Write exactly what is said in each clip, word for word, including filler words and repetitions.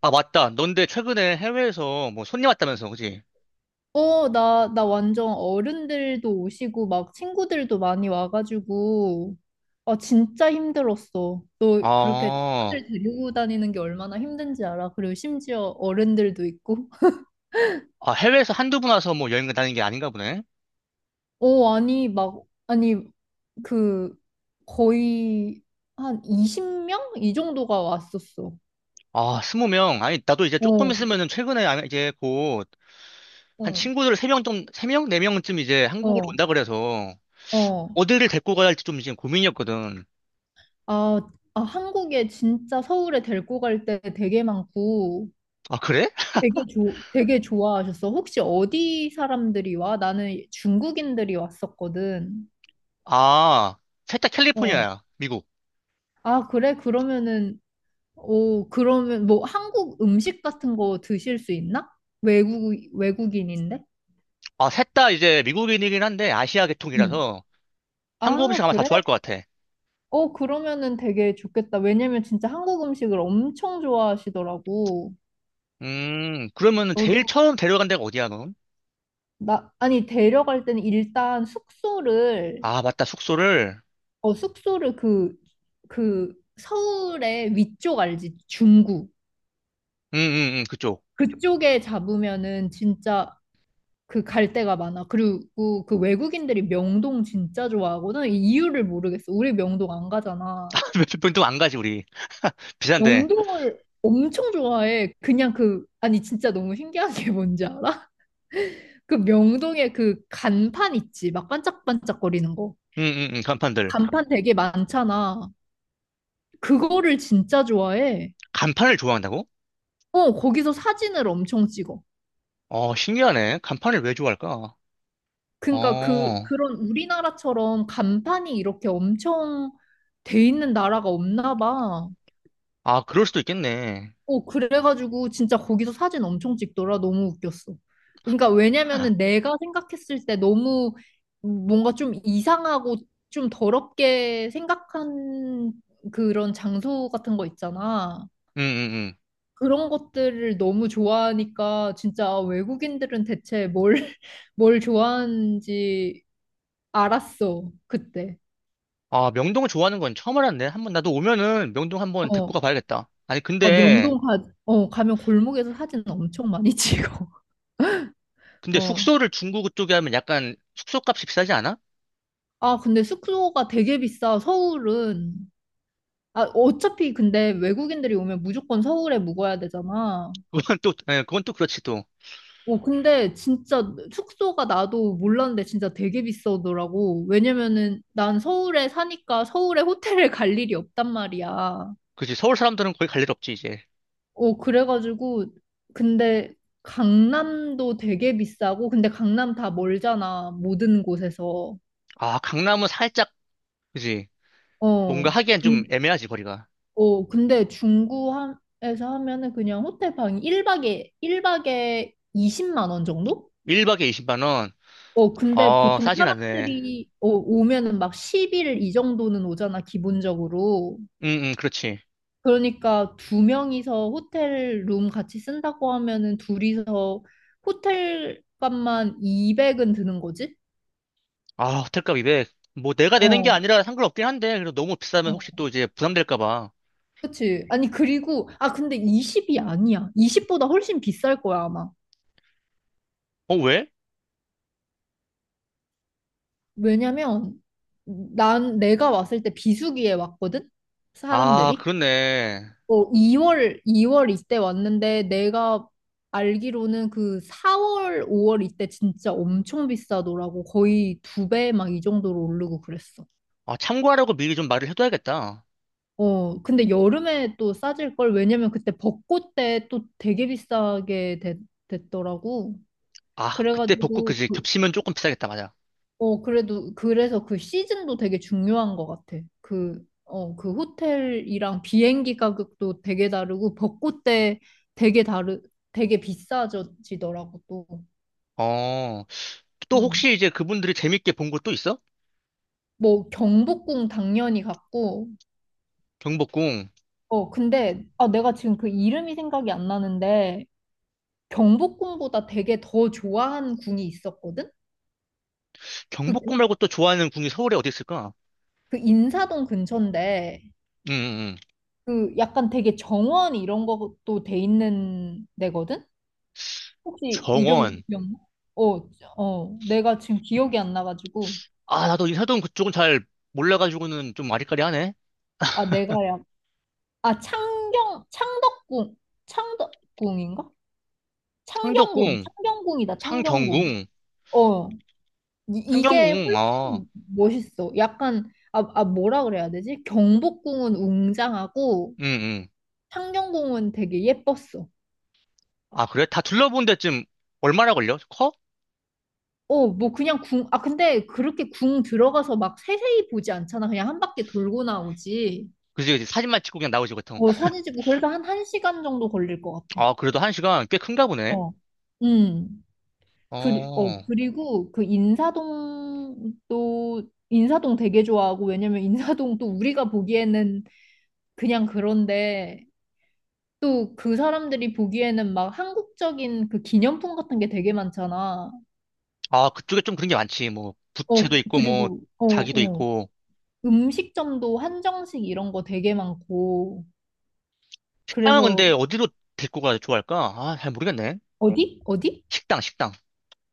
아, 맞다. 넌데 최근에 해외에서 뭐 손님 왔다면서, 그지? 어, 나, 나 완전 어른들도 오시고, 막 친구들도 많이 와가지고, 아, 진짜 힘들었어. 너 그렇게 아, 친구들 데리고 다니는 게 얼마나 힘든지 알아? 그리고 심지어 어른들도 있고. 아, 해외에서 한두 분 와서 뭐 여행 다니는 게 아닌가 보네. 어, 아니, 막, 아니, 그, 거의 한 이십 명? 이 정도가 왔었어. 아, 스무 명. 아니, 나도 이제 조금 어, 있으면은 최근에 아, 이제 곧 한 어, 친구들 세 명 좀, 세 명? 네 명쯤 이제 한국으로 어, 온다 그래서 어. 어디를 데리고 가야 할지 좀 지금 고민이었거든. 아, 아, 한국에 진짜 서울에 데리고 갈 때 되게 많고, 아, 그래? 되게 좋 되게 좋아하셨어. 혹시 어디 사람들이 와? 나는 중국인들이 왔었거든. 아, 셋 다 어. 캘리포니아야. 미국. 아, 그래? 그러면은, 오, 그러면 뭐 한국 음식 같은 거 드실 수 있나? 외국, 외국인인데? 아, 셋 다 이제 미국인이긴 한데 아시아 응. 계통이라서 한국 아, 음식 아마 다 그래? 좋아할 것 같아. 어, 그러면은 되게 좋겠다. 왜냐면 진짜 한국 음식을 엄청 좋아하시더라고. 음, 그러면 은 제일 너도, 처음 데려간 데가 어디야, 넌? 나, 아니, 데려갈 때는 일단 숙소를, 아, 맞다. 숙소를. 어, 숙소를 그, 그 서울의 위쪽 알지? 중구. 응응응 그쪽. 그쪽에 잡으면은 진짜 그 갈 데가 많아. 그리고 그 외국인들이 명동 진짜 좋아하거든. 이 이유를 모르겠어. 우리 명동 안 가잖아. 몇분도 안 가지 우리. 비싼데. 명동을 엄청 좋아해. 그냥 그, 아니 진짜 너무 신기한 게 뭔지 알아? 그 명동에 그 간판 있지. 막 반짝반짝거리는 거. 응응응 간판들. 간판 되게 많잖아. 그거를 진짜 좋아해. 간판을 좋아한다고? 어, 거기서 사진을 엄청 찍어. 어, 신기하네. 간판을 왜 좋아할까? 어, 그러니까 그 아, 그런 우리나라처럼 간판이 이렇게 엄청 돼 있는 나라가 없나 봐. 그럴 수도 있겠네. 어, 그래가지고 진짜 거기서 사진 엄청 찍더라. 너무 웃겼어. 그러니까 왜냐면은 내가 생각했을 때 너무 뭔가 좀 이상하고 좀 더럽게 생각한 그런 장소 같은 거 있잖아. 응응응. 그런 것들을 너무 좋아하니까 진짜 외국인들은 대체 뭘, 뭘 좋아하는지 알았어, 그때. 아, 명동을 좋아하는 건 처음 알았네. 한번 나도 오면은 명동 한번 데리고 어, 가봐야겠다. 아니 아, 근데, 명동 가, 어, 가면 골목에서 사진 엄청 많이 찍어. 근데 어. 숙소를 중구 쪽에 하면 약간 숙소값이 비싸지 않아? 아, 근데 숙소가 되게 비싸, 서울은. 아, 어차피 근데 외국인들이 오면 무조건 서울에 묵어야 되잖아. 그건 또 예, 그건 또 그렇지 또. 어, 근데 진짜 숙소가 나도 몰랐는데 진짜 되게 비싸더라고. 왜냐면은 난 서울에 사니까 서울에 호텔을 갈 일이 없단 말이야. 그지, 서울 사람들은 거의 갈 일 없지 이제. 어, 그래가지고, 근데 강남도 되게 비싸고, 근데 강남 다 멀잖아, 모든 곳에서. 아, 강남은 살짝, 그지, 뭔가 어, 하기엔 좀 근, 애매하지 거리가. 어, 근데 중구에서 하면은 그냥 호텔 방이 1박에, 일박에 이십만 원 정도? 일 박에 이십만 원. 어, 근데 어, 보통 싸진 않네. 사람들이 어, 오면은 막 십 일 이 정도는 오잖아, 기본적으로. 응, 응, 그렇지. 그러니까 두 명이서 호텔 룸 같이 쓴다고 하면은 둘이서 호텔 값만 이백은 드는 거지? 아, 호텔값 이백. 뭐 내가 내는 게 어, 아니라 상관없긴 한데, 그래도 너무 비싸면 어, 혹시 또 이제 부담될까 봐. 그치. 아니, 그리고, 아, 근데 이십이 아니야. 이십보다 훨씬 비쌀 거야, 아마. 어, 왜? 왜냐면 난 내가 왔을 때 비수기에 왔거든? 아, 사람들이. 그렇네. 어, 2월, 이월 이때 왔는데 내가 알기로는 그 사월, 오월 이때 진짜 엄청 비싸더라고. 거의 두 배 막 이 정도로 오르고 그랬어. 아, 참고하라고 미리 좀 말을 해둬야겠다. 어, 근데 여름에 또 싸질 걸 왜냐면 그때 벚꽃 때 또 되게 비싸게 되- 됐더라고. 아, 그때 복구 그래가지고 그지 그- 겹치면 조금 비싸겠다, 맞아. 어, 그래도, 그래서 그 시즌도 되게 중요한 것 같아. 그, 어, 그 호텔이랑 비행기 가격도 되게 다르고, 벚꽃 때 되게 다르, 되게 비싸지더라고, 또. 어, 또 음. 혹시 이제 그분들이 재밌게 본 곳 또 있어? 뭐, 경복궁 당연히 갔고, 경복궁. 어, 근데, 아, 내가 지금 그 이름이 생각이 안 나는데, 경복궁보다 되게 더 좋아하는 궁이 있었거든? 경복궁 그, 말고 또 좋아하는 궁이 서울에 어디 있을까? 그 인사동 근처인데, 응, 응, 응. 그 약간 되게 정원 이런 것도 돼 있는 데거든? 혹시 이름 정원. 기억나? 어, 어, 내가 지금 기억이 안 나가지고. 아, 나도 인사동 그쪽은 잘 몰라가지고는 좀 아리까리하네. 아, 내가야. 아, 창경, 창덕궁, 창덕궁인가? 창경궁, 창덕궁, 창경궁이다, 창경궁. 창경궁. 어, 이, 이게 상경궁, 어, 훨씬 멋있어. 약간, 아, 아, 뭐라 그래야 되지? 경복궁은 웅장하고, 응, 응. 창경궁은 되게 예뻤어. 아, 그래? 다 둘러본 데쯤 얼마나 걸려? 커? 어, 뭐 그냥 궁, 아, 근데 그렇게 궁 들어가서 막 세세히 보지 않잖아. 그냥 한 바퀴 돌고 나오지. 그지, 그지. 사진만 찍고 그냥 나오지, 보통. 어, 사진 찍고 그래도 한 1시간 정도 걸릴 것 같아. 아, 그래도 한 시간 꽤 큰가 보네. 어. 음. 그리, 어, 어, 그리고 그 인사동도, 인사동 되게 좋아하고, 왜냐면 인사동 또 우리가 보기에는 그냥 그런데, 또 그 사람들이 보기에는 막 한국적인 그 기념품 같은 게 되게 많잖아. 아, 그쪽에 좀 그런 게 많지. 뭐, 어, 부채도 있고, 뭐, 그리고, 어, 자기도 어. 있고. 음식점도 한정식 이런 거 되게 많고, 식당은 그래서, 근데 어디로 데리고 가야 좋아할까? 아, 잘 모르겠네. 어디? 어디? 식당, 식당.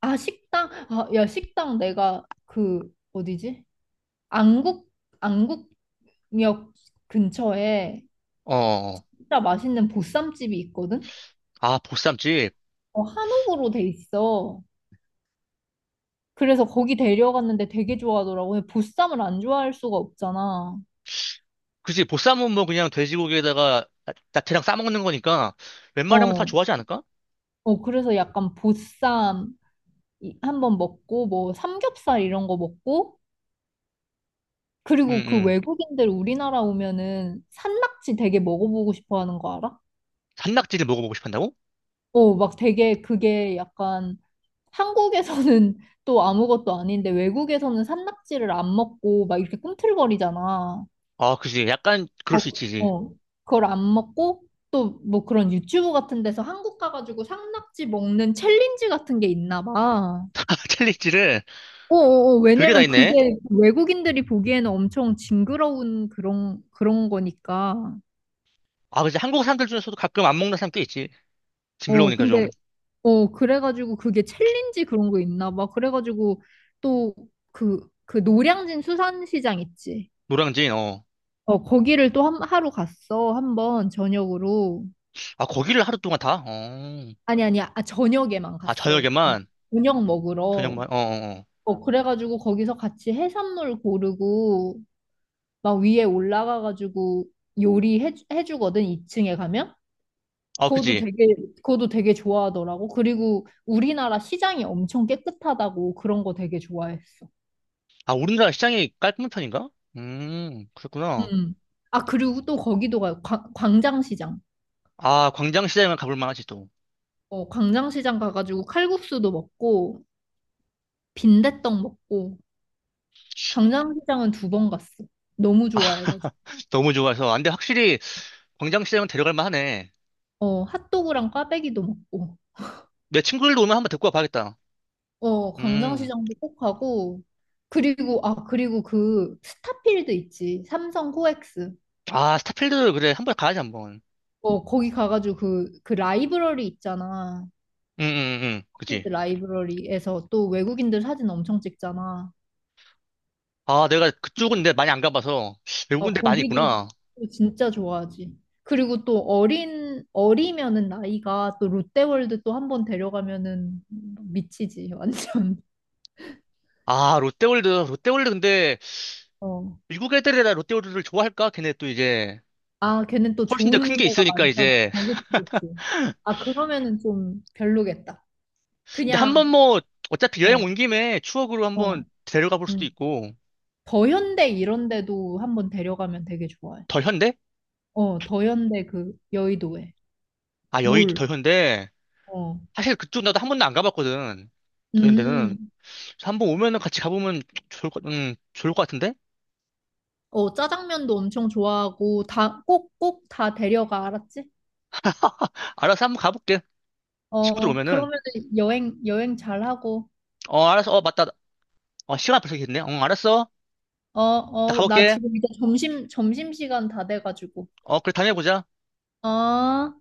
아, 식당? 아, 야, 식당 내가 그, 어디지? 안국 안국역 근처에 어, 어. 어. 진짜 맛있는 보쌈집이 있거든. 아, 보쌈집. 어, 한옥으로 돼 있어. 그래서 거기 데려갔는데 되게 좋아하더라고. 근데 보쌈을 안 좋아할 수가 없잖아. 그지, 보쌈은 뭐 그냥 돼지고기에다가 나- 야채랑 싸먹는 거니까 웬만하면 다 어, 좋아하지 않을까? 어 그래서 약간 보쌈 이- 한번 먹고 뭐 삼겹살 이런 거 먹고 응, 그리고 그 응. 외국인들 우리나라 오면은 산낙지 되게 먹어보고 싶어 하는 거 알아? 산낙지를 먹어보고 싶한다고? 어, 막 되게 그게 약간 한국에서는 또 아무것도 아닌데 외국에서는 산낙지를 안 먹고 막 이렇게 꿈틀거리잖아. 아, 그지. 약간 그럴 어, 수 있지. 어. 그걸 안 먹고 또 뭐 그런 유튜브 같은 데서 한국 가가지고 산낙지 먹는 챌린지 같은 게 있나 봐. 챌리지를. 어어어, 별게 다 왜냐면 있네. 그게 외국인들이 보기에는 엄청 징그러운 그런, 그런 거니까. 아, 그치. 한국 사람들 중에서도 가끔 안 먹는 사람 꽤 있지. 어, 징그러우니까 근데, 좀. 어, 그래가지고 그게 챌린지 그런 거 있나 봐. 그래가지고 또 그, 그 노량진 수산시장 있지. 노량진, 어. 어, 거기를 또 한, 하루 갔어. 한 번 저녁으로. 아, 거기를 하루 동안 다? 어. 아니, 아니, 아, 저녁에만 아, 갔어. 밤, 저녁에만? 저녁 먹으러. 저녁만? 어, 어, 어. 어, 그래가지고 거기서 같이 해산물 고르고 막 위에 올라가가지고 요리해, 해주거든, 이 층에 가면. 아, 그것도 그지. 되게, 그것도 되게 좋아하더라고. 그리고 우리나라 시장이 엄청 깨끗하다고 그런 거 되게 좋아했어. 아, 우리나라 시장이 깔끔한 편인가? 음, 그렇구나. 음. 아, 그리고 또 거기도 가요. 광- 광장시장. 아, 광장시장은 가볼 만하지, 또. 어, 광장시장 가가지고 칼국수도 먹고 빈대떡 먹고 광장시장은 두 번 갔어. 너무 좋아해가지고. 너무 좋아서. 아, 근데 확실히 광장시장은 데려갈 만하네. 어, 핫도그랑 꽈배기도 먹고. 내 친구들도 오면 한번 데리고 와봐야겠다. 어, 음. 광장시장도 꼭 가고. 그리고, 아, 그리고 그 스타필드 있지. 삼성 코엑스. 아, 스타필드, 그래. 한번 가야지, 한번. 어, 거기 가가지고 그, 그 라이브러리 있잖아. 응, 응, 응. 그치. 스타필드 라이브러리에서 또 외국인들 사진 엄청 찍잖아. 아, 내가 그쪽은 근데 많이 안 가봐서 어, 외국인들 많이 거기도 있구나. 또 진짜 좋아하지. 그리고 또 어린, 어리면은 나이가 또 롯데월드 또 한 번 데려가면은 미치지, 완전. 아, 롯데월드, 롯데월드 근데 어. 미국 애들이라 롯데월드를 좋아할까? 걔네 또 이제 아, 걔는 또 훨씬 더 큰 좋은 게 데가 있으니까 많잖아. 이제. 어, 그치, 그치. 아, 그러면은 좀 별로겠다. 근데 한번 그냥, 뭐 어차피 어, 여행 온 김에 추억으로 한번 어, 데려가 볼 수도 음. 있고. 더현대 이런 데도 한번 데려가면 되게 좋아해. 더 현대? 어, 더현대 그 여의도에. 아, 여의도 몰. 더 현대. 어, 사실 그쪽 나도 한 번도 안 가봤거든. 더 현대는. 음. 그래서 한번 오면은 같이 가보면 좋을 것, 음, 좋을 것 같은데? 어, 짜장면도 엄청 좋아하고, 다, 꼭, 꼭 다 데려가, 알았지? 알아서 한번 가볼게. 친구들 어, 오면은. 그러면은 여행, 여행 잘하고, 어, 알았어. 어, 맞다. 어, 시간 벌써 됐네. 어, 알았어. 어, 나 어, 나 가볼게. 지금 이제 점심, 점심시간 다 돼가지고. 어, 그래, 다음에 보자. 어.